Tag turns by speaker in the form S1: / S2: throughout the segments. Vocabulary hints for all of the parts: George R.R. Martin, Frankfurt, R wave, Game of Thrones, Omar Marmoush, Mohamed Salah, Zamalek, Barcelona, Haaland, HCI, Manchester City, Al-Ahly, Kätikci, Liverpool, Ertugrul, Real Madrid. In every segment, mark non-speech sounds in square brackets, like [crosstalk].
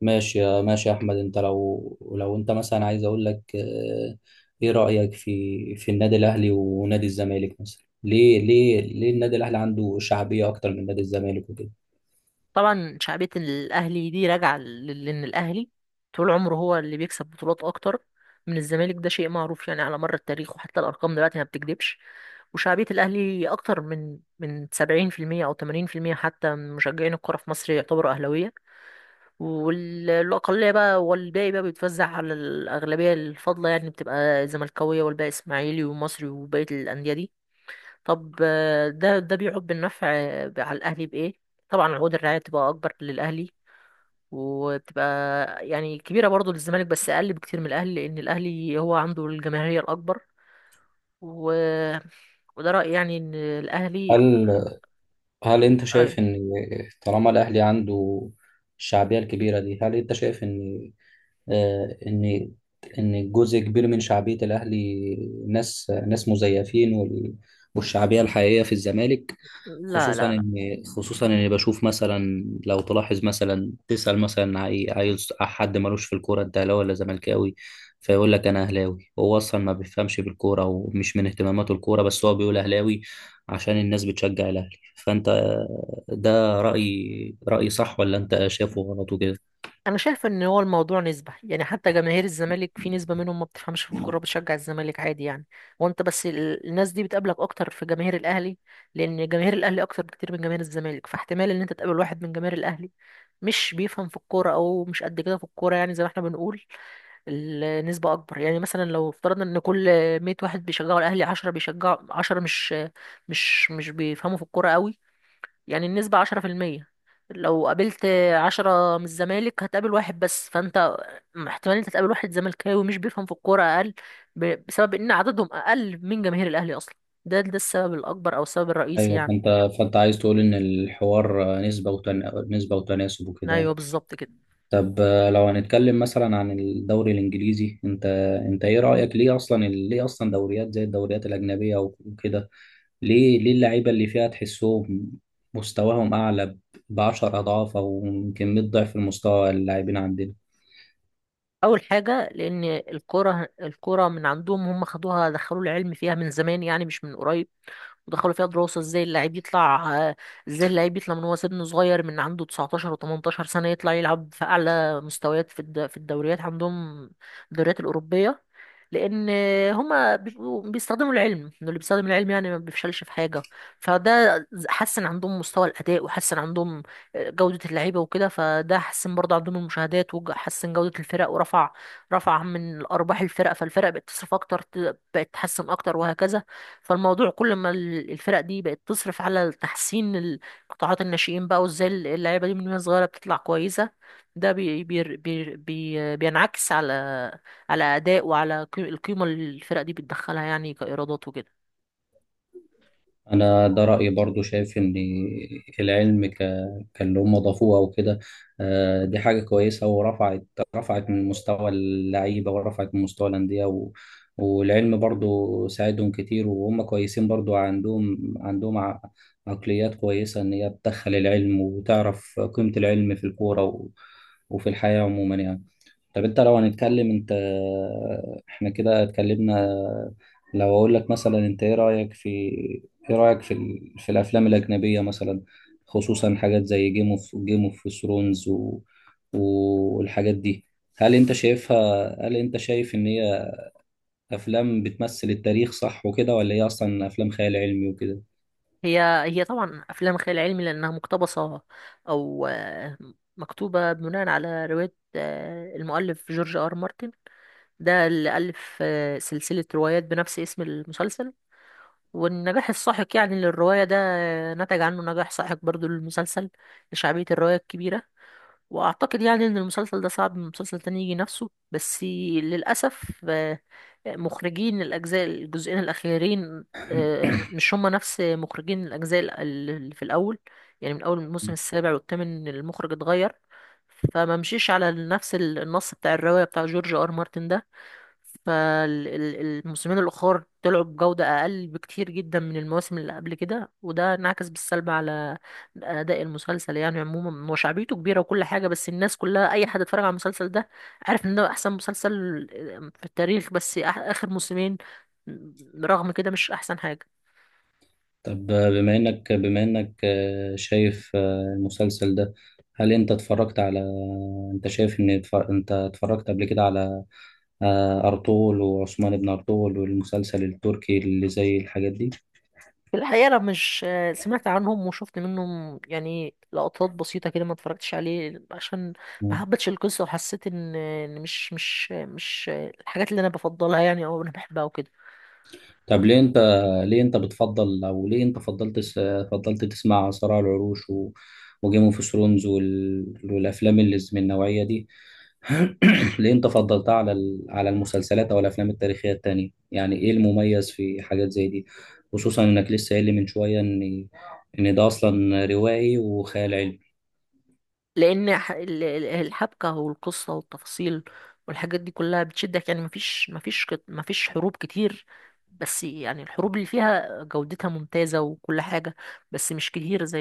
S1: ماشي يا احمد انت لو انت مثلا عايز اقول لك ايه رايك في النادي الاهلي ونادي الزمالك مثلا ليه النادي الاهلي عنده شعبيه اكتر من نادي الزمالك وكده.
S2: طبعا شعبية الأهلي دي راجعة لأن الأهلي طول عمره هو اللي بيكسب بطولات أكتر من الزمالك، ده شيء معروف يعني على مر التاريخ، وحتى الأرقام دلوقتي ما بتكذبش. وشعبية الأهلي أكتر من 70% أو 80%، حتى من مشجعين الكرة في مصر يعتبروا أهلاوية. والأقلية بقى والباقي بقى بيتوزع على الأغلبية الفاضلة، يعني بتبقى زملكاوية، والباقي إسماعيلي ومصري وبقية الأندية دي. طب ده بيعود بالنفع على الاهلي بايه؟ طبعا عقود الرعايه بتبقى اكبر للاهلي، وبتبقى يعني كبيره برضه للزمالك بس اقل بكتير من الاهلي، لان الاهلي هو عنده الجماهيريه الاكبر. و... وده رايي يعني ان الاهلي.
S1: هل هل انت
S2: ايوه.
S1: شايف ان طالما الاهلي عنده الشعبيه الكبيره دي؟ هل انت شايف ان آه، ان ان جزء كبير من شعبيه الاهلي ناس مزيفين والشعبيه الحقيقيه في الزمالك؟
S2: لا
S1: خصوصا
S2: لا لا.
S1: ان خصوصا اني بشوف مثلا، لو تلاحظ مثلا تسال مثلا حد ملوش في الكوره انت اهلاوي ولا زملكاوي، فيقول لك انا اهلاوي. هو اصلا ما بيفهمش بالكوره ومش من اهتماماته الكوره، بس هو بيقول اهلاوي عشان الناس بتشجع الاهلي. فانت ده رايي صح ولا انت شايفه غلط وكده؟
S2: انا شايف ان هو الموضوع نسبه، يعني حتى جماهير الزمالك في نسبه منهم ما بتفهمش في الكوره بتشجع الزمالك عادي يعني. وانت بس الناس دي بتقابلك اكتر في جماهير الاهلي، لان جماهير الاهلي اكتر بكتير من جماهير الزمالك، فاحتمال ان انت تقابل واحد من جماهير الاهلي مش بيفهم في الكوره او مش قد كده في الكوره يعني، زي ما احنا بنقول النسبه اكبر. يعني مثلا لو افترضنا ان كل 100 واحد بيشجعوا الاهلي، 10 بيشجعوا، 10 مش بيفهموا في الكوره قوي، يعني النسبة 10%. لو قابلت عشرة من الزمالك هتقابل واحد بس، فانت احتمال انت تقابل واحد زملكاوي مش بيفهم في الكورة اقل بسبب ان عددهم اقل من جماهير الاهلي اصلا. ده السبب الاكبر او السبب الرئيسي
S1: ايوه،
S2: يعني.
S1: فانت عايز تقول ان الحوار نسبه نسبه وتناسب
S2: ايوه
S1: وكده.
S2: بالظبط كده.
S1: طب لو هنتكلم مثلا عن الدوري الانجليزي، انت ايه رايك؟ ليه اصلا ليه اصلا دوريات زي الدوريات الاجنبيه وكده؟ ليه اللعيبه اللي فيها تحسهم مستواهم اعلى ب 10 اضعاف او يمكن 100 ضعف المستوى اللاعبين عندنا؟
S2: اول حاجة لان الكورة من عندهم، هم خدوها دخلوا العلم فيها من زمان يعني، مش من قريب. ودخلوا فيها دراسة ازاي اللاعب يطلع، ازاي اللاعب يطلع من هو سن صغير، من عنده 19 و18 سنة يطلع يلعب في أعلى مستويات في في الدوريات عندهم، الدوريات الأوروبية. لأن هما بيبقوا بيستخدموا العلم، إنه اللي بيستخدم العلم يعني ما بيفشلش في حاجة. فده حسن عندهم مستوى الأداء، وحسن عندهم جودة اللعيبة وكده. فده حسن برضه عندهم المشاهدات، وحسن جودة الفرق، ورفع رفع من أرباح الفرق. فالفرق بقت تصرف أكتر، بقت تحسن أكتر وهكذا. فالموضوع كل ما الفرق دي بقت تصرف على تحسين قطاعات الناشئين بقى، وازاي اللعيبه دي من وهي صغيره بتطلع كويسه، ده بي بي بي بي بينعكس على اداء وعلى القيمه اللي الفرق دي بتدخلها يعني كايرادات وكده.
S1: أنا ده رأيي برضو، شايف إن العلم كاللي هم ضافوه أو كده دي حاجة كويسة، رفعت من مستوى اللعيبة ورفعت من مستوى الأندية. والعلم برضو ساعدهم كتير، وهم كويسين برضو عندهم عقليات كويسة، إن هي بتدخل العلم وتعرف قيمة العلم في الكورة و... وفي الحياة عموما يعني. طب انت لو هنتكلم، انت احنا كده اتكلمنا. لو اقول لك مثلا انت ايه رأيك في في الافلام الأجنبية مثلا، خصوصا حاجات زي جيم اوف ثرونز و... والحاجات دي؟ هل انت شايفها، هل انت شايف ان هي افلام بتمثل التاريخ صح وكده، ولا هي اصلا افلام خيال علمي وكده؟
S2: هي طبعا افلام خيال علمي لانها مقتبسه، او مكتوبه بناء على روايه، المؤلف جورج ار مارتن، ده اللي الف سلسله روايات بنفس اسم المسلسل. والنجاح الساحق يعني للرواية ده نتج عنه نجاح ساحق برضو للمسلسل لشعبية الرواية الكبيرة. وأعتقد يعني إن المسلسل ده صعب من مسلسل تاني يجي نفسه، بس للأسف مخرجين الأجزاء الجزئين الأخيرين، مش هما نفس مخرجين الأجزاء اللي في الأول. يعني من أول الموسم السابع والثامن المخرج اتغير، فما مشيش على نفس النص بتاع الرواية بتاع جورج آر مارتن ده. فالموسمين الأخر طلعوا بجودة أقل بكتير جدا من المواسم اللي قبل كده، وده انعكس بالسلب على أداء المسلسل. يعني عموما هو شعبيته كبيرة وكل حاجة، بس الناس كلها أي حد اتفرج على المسلسل ده عارف إن ده أحسن مسلسل في التاريخ، بس آخر موسمين رغم كده مش أحسن حاجة.
S1: طب بما انك آه، شايف آه، المسلسل ده، هل انت اتفرجت على، انت شايف ان انت اتفرجت قبل كده على ارطغرل وعثمان بن ارطغرل والمسلسل التركي اللي زي الحاجات دي؟
S2: في الحقيقة أنا مش سمعت عنهم، وشفت منهم يعني لقطات بسيطة كده، ما اتفرجتش عليه عشان ما
S1: مم.
S2: حبتش القصة، وحسيت إن مش الحاجات اللي أنا بفضلها يعني، أو أنا بحبها وكده.
S1: طب ليه ليه انت بتفضل، او ليه انت فضلت تسمع صراع العروش و وجيم اوف ثرونز والافلام اللي من النوعية دي؟ [coughs] [clears throat] ليه انت فضلتها على على المسلسلات او الافلام التاريخيه التانية؟ يعني ايه المميز في حاجات زي دي، خصوصا انك لسه قايل لي من شويه ان ان ده اصلا روائي وخيال علمي؟
S2: لأن الحبكة والقصة والتفاصيل والحاجات دي كلها بتشدك، يعني مفيش مفيش حروب كتير، بس يعني الحروب اللي فيها جودتها ممتازة وكل حاجة، بس مش كتير زي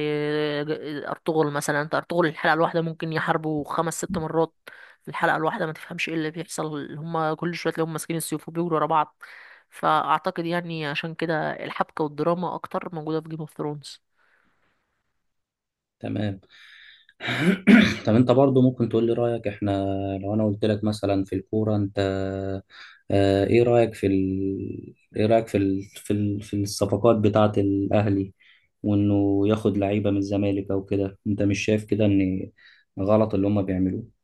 S2: أرطغرل مثلا. أنت أرطغرل الحلقة الواحدة ممكن يحاربوا خمس ست مرات في الحلقة الواحدة، ما تفهمش إيه اللي بيحصل، هما كل شوية تلاقيهم ماسكين السيوف وبيجروا ورا بعض. فأعتقد يعني عشان كده الحبكة والدراما أكتر موجودة في جيم اوف ثرونز.
S1: تمام. [coughs] [clears throat] طب انت برضو ممكن تقول لي رايك. احنا لو انا قلت لك مثلا في الكوره، انت اه، ايه رايك في ال... ايه رايك في ال... في ال... في الصفقات بتاعه الاهلي وانه ياخد لعيبه من الزمالك او كده؟ انت مش شايف كده ان غلط اللي هم بيعملوه؟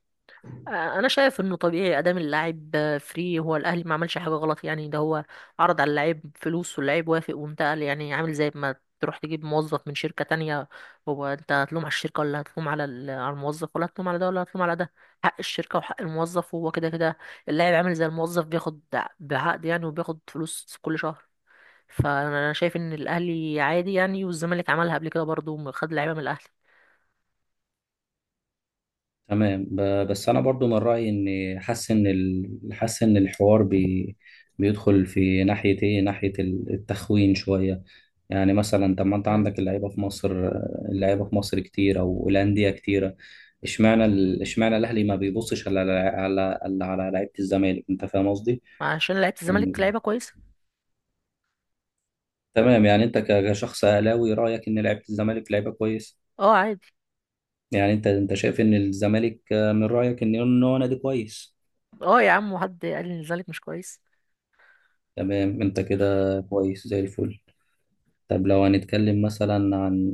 S2: انا شايف انه طبيعي، ادام اللاعب فري، هو الاهلي ما عملش حاجه غلط يعني. ده هو عرض على اللاعب فلوس، واللاعب وافق وانتقل، يعني عامل زي ما تروح تجيب موظف من شركه تانية. هو انت هتلوم على الشركه ولا هتلوم على على الموظف؟ ولا هتلوم على ده ولا هتلوم على ده؟ حق الشركه وحق الموظف، وهو كده كده اللاعب عامل زي الموظف، بياخد بعقد يعني وبياخد فلوس كل شهر. فانا شايف ان الاهلي عادي يعني، والزمالك عملها قبل كده برضه، خد لعيبه من الاهلي.
S1: تمام، بس انا برضو من رايي ان، حاسس ان حاسس ان الحوار بيدخل في ناحيه ايه، ناحيه التخوين شويه. يعني مثلا طب ما انت
S2: مم.
S1: عندك اللعيبه في مصر، اللعيبه في مصر كتير او الانديه كتيره. اشمعنى اشمعنى الاهلي ما بيبصش على لعيبه الزمالك؟ انت فاهم قصدي؟
S2: عشان لعيبه الزمالك
S1: يعني
S2: لعيبه كويسه.
S1: تمام. يعني انت كشخص اهلاوي رايك ان لعيبه الزمالك لعيبه كويس؟
S2: اه عادي.
S1: يعني انت شايف ان الزمالك، من رايك ان إن هو نادي كويس؟
S2: اه يا عم، وحد قال لي ان الزمالك مش كويس؟
S1: تمام، انت كده كويس زي الفل. طب لو هنتكلم مثلا عن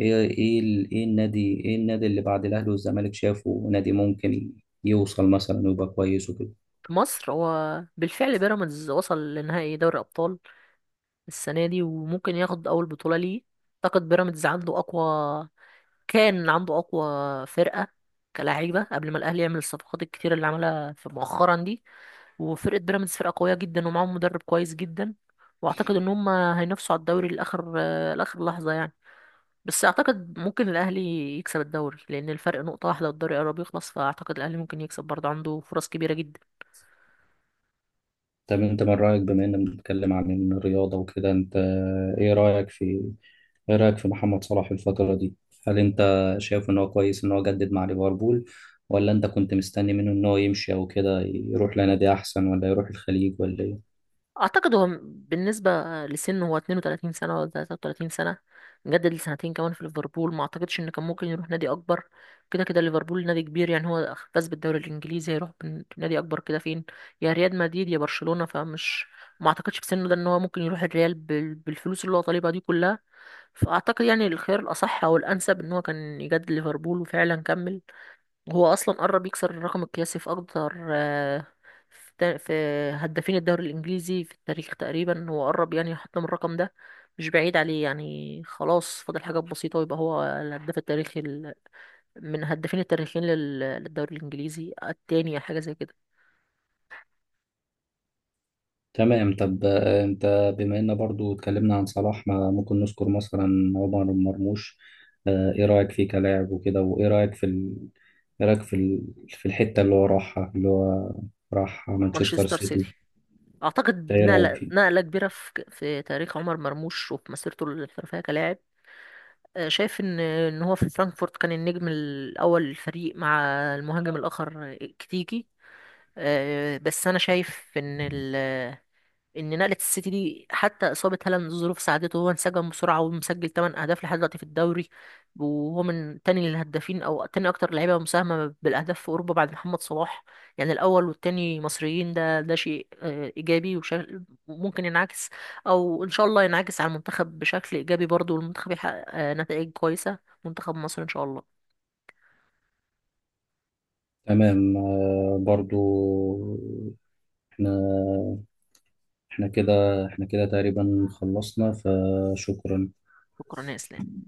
S1: ايه، ايه النادي اللي بعد الاهلي والزمالك شافه نادي ممكن يوصل مثلا ويبقى كويس وكده؟
S2: في مصر هو بالفعل بيراميدز وصل لنهائي دوري ابطال السنه دي، وممكن ياخد اول بطوله ليه. اعتقد بيراميدز عنده اقوى، كان عنده اقوى فرقه كلاعيبه قبل ما الاهلي يعمل الصفقات الكتير اللي عملها في مؤخرا دي. وفرقه بيراميدز فرقه قويه جدا، ومعاهم مدرب كويس جدا. واعتقد ان هم هينافسوا على الدوري لاخر لاخر لحظه يعني. بس اعتقد ممكن الاهلي يكسب الدوري لان الفرق نقطه واحده والدوري قرب يخلص، فاعتقد الاهلي ممكن يكسب برضه، عنده فرص كبيره جدا.
S1: طب انت من رايك، بما اننا بنتكلم عن الرياضه وكده، انت ايه رايك في محمد صلاح الفتره دي؟ هل انت شايف ان هو كويس ان هو جدد مع ليفربول؟ ولا انت كنت مستني منه ان هو يمشي او كده، يروح لنادي احسن، ولا يروح الخليج، ولا ايه؟
S2: اعتقد هو بالنسبه لسنه، هو 32 سنه ولا 33 سنه، مجدد لسنتين كمان في ليفربول، ما اعتقدش ان كان ممكن يروح نادي اكبر. كده كده ليفربول نادي كبير يعني، هو فاز بالدوري الانجليزي، هيروح نادي اكبر كده فين؟ يا ريال مدريد يا برشلونه، فمش ما اعتقدش في سنه ده ان هو ممكن يروح الريال بالفلوس اللي هو طالبها دي كلها. فأعتقد يعني الخيار الأصح أو الأنسب إن هو كان يجدد ليفربول، وفعلا كمل. وهو أصلا قرب يكسر الرقم القياسي في أكتر، في هدافين الدوري الإنجليزي في التاريخ، تقريبا هو قرب يعني يحطم الرقم ده، مش بعيد عليه يعني، خلاص فاضل حاجات بسيطة ويبقى هو الهداف التاريخي، من هدافين التاريخيين للدوري الإنجليزي التاني أو حاجة زي كده.
S1: تمام. طب انت بما ان برضو اتكلمنا عن صلاح، ما ممكن نذكر مثلا عمر مرموش. ايه رأيك فيه كلاعب وكده، وايه رأيك في ال... ايه رأيك في ال... في الحتة اللي هو راحها، اللي هو راح مانشستر
S2: مانشستر
S1: سيتي؟ انت
S2: سيتي، أعتقد
S1: ايه رأيك
S2: نقلة
S1: فيه؟
S2: نقلة كبيرة في تاريخ عمر مرموش وفي مسيرته الاحترافية كلاعب. شايف ان هو في فرانكفورت كان النجم الاول للفريق مع المهاجم الاخر، كتيكي. بس انا شايف ان نقله السيتي دي، حتى اصابه هالاند ظروف ساعدته، هو انسجم بسرعه ومسجل 8 اهداف لحد دلوقتي في الدوري. وهو من تاني للهدافين او تاني اكتر لعيبه مساهمه بالاهداف في اوروبا بعد محمد صلاح، يعني الاول والتاني مصريين، ده شيء ايجابي وشكل ممكن ينعكس، او ان شاء الله ينعكس على المنتخب بشكل ايجابي برضه، والمنتخب يحقق نتائج كويسه منتخب مصر ان شاء الله.
S1: تمام. برضو احنا، احنا كده احنا كده تقريبا خلصنا، فشكرا.
S2: شكرا يا اسلام.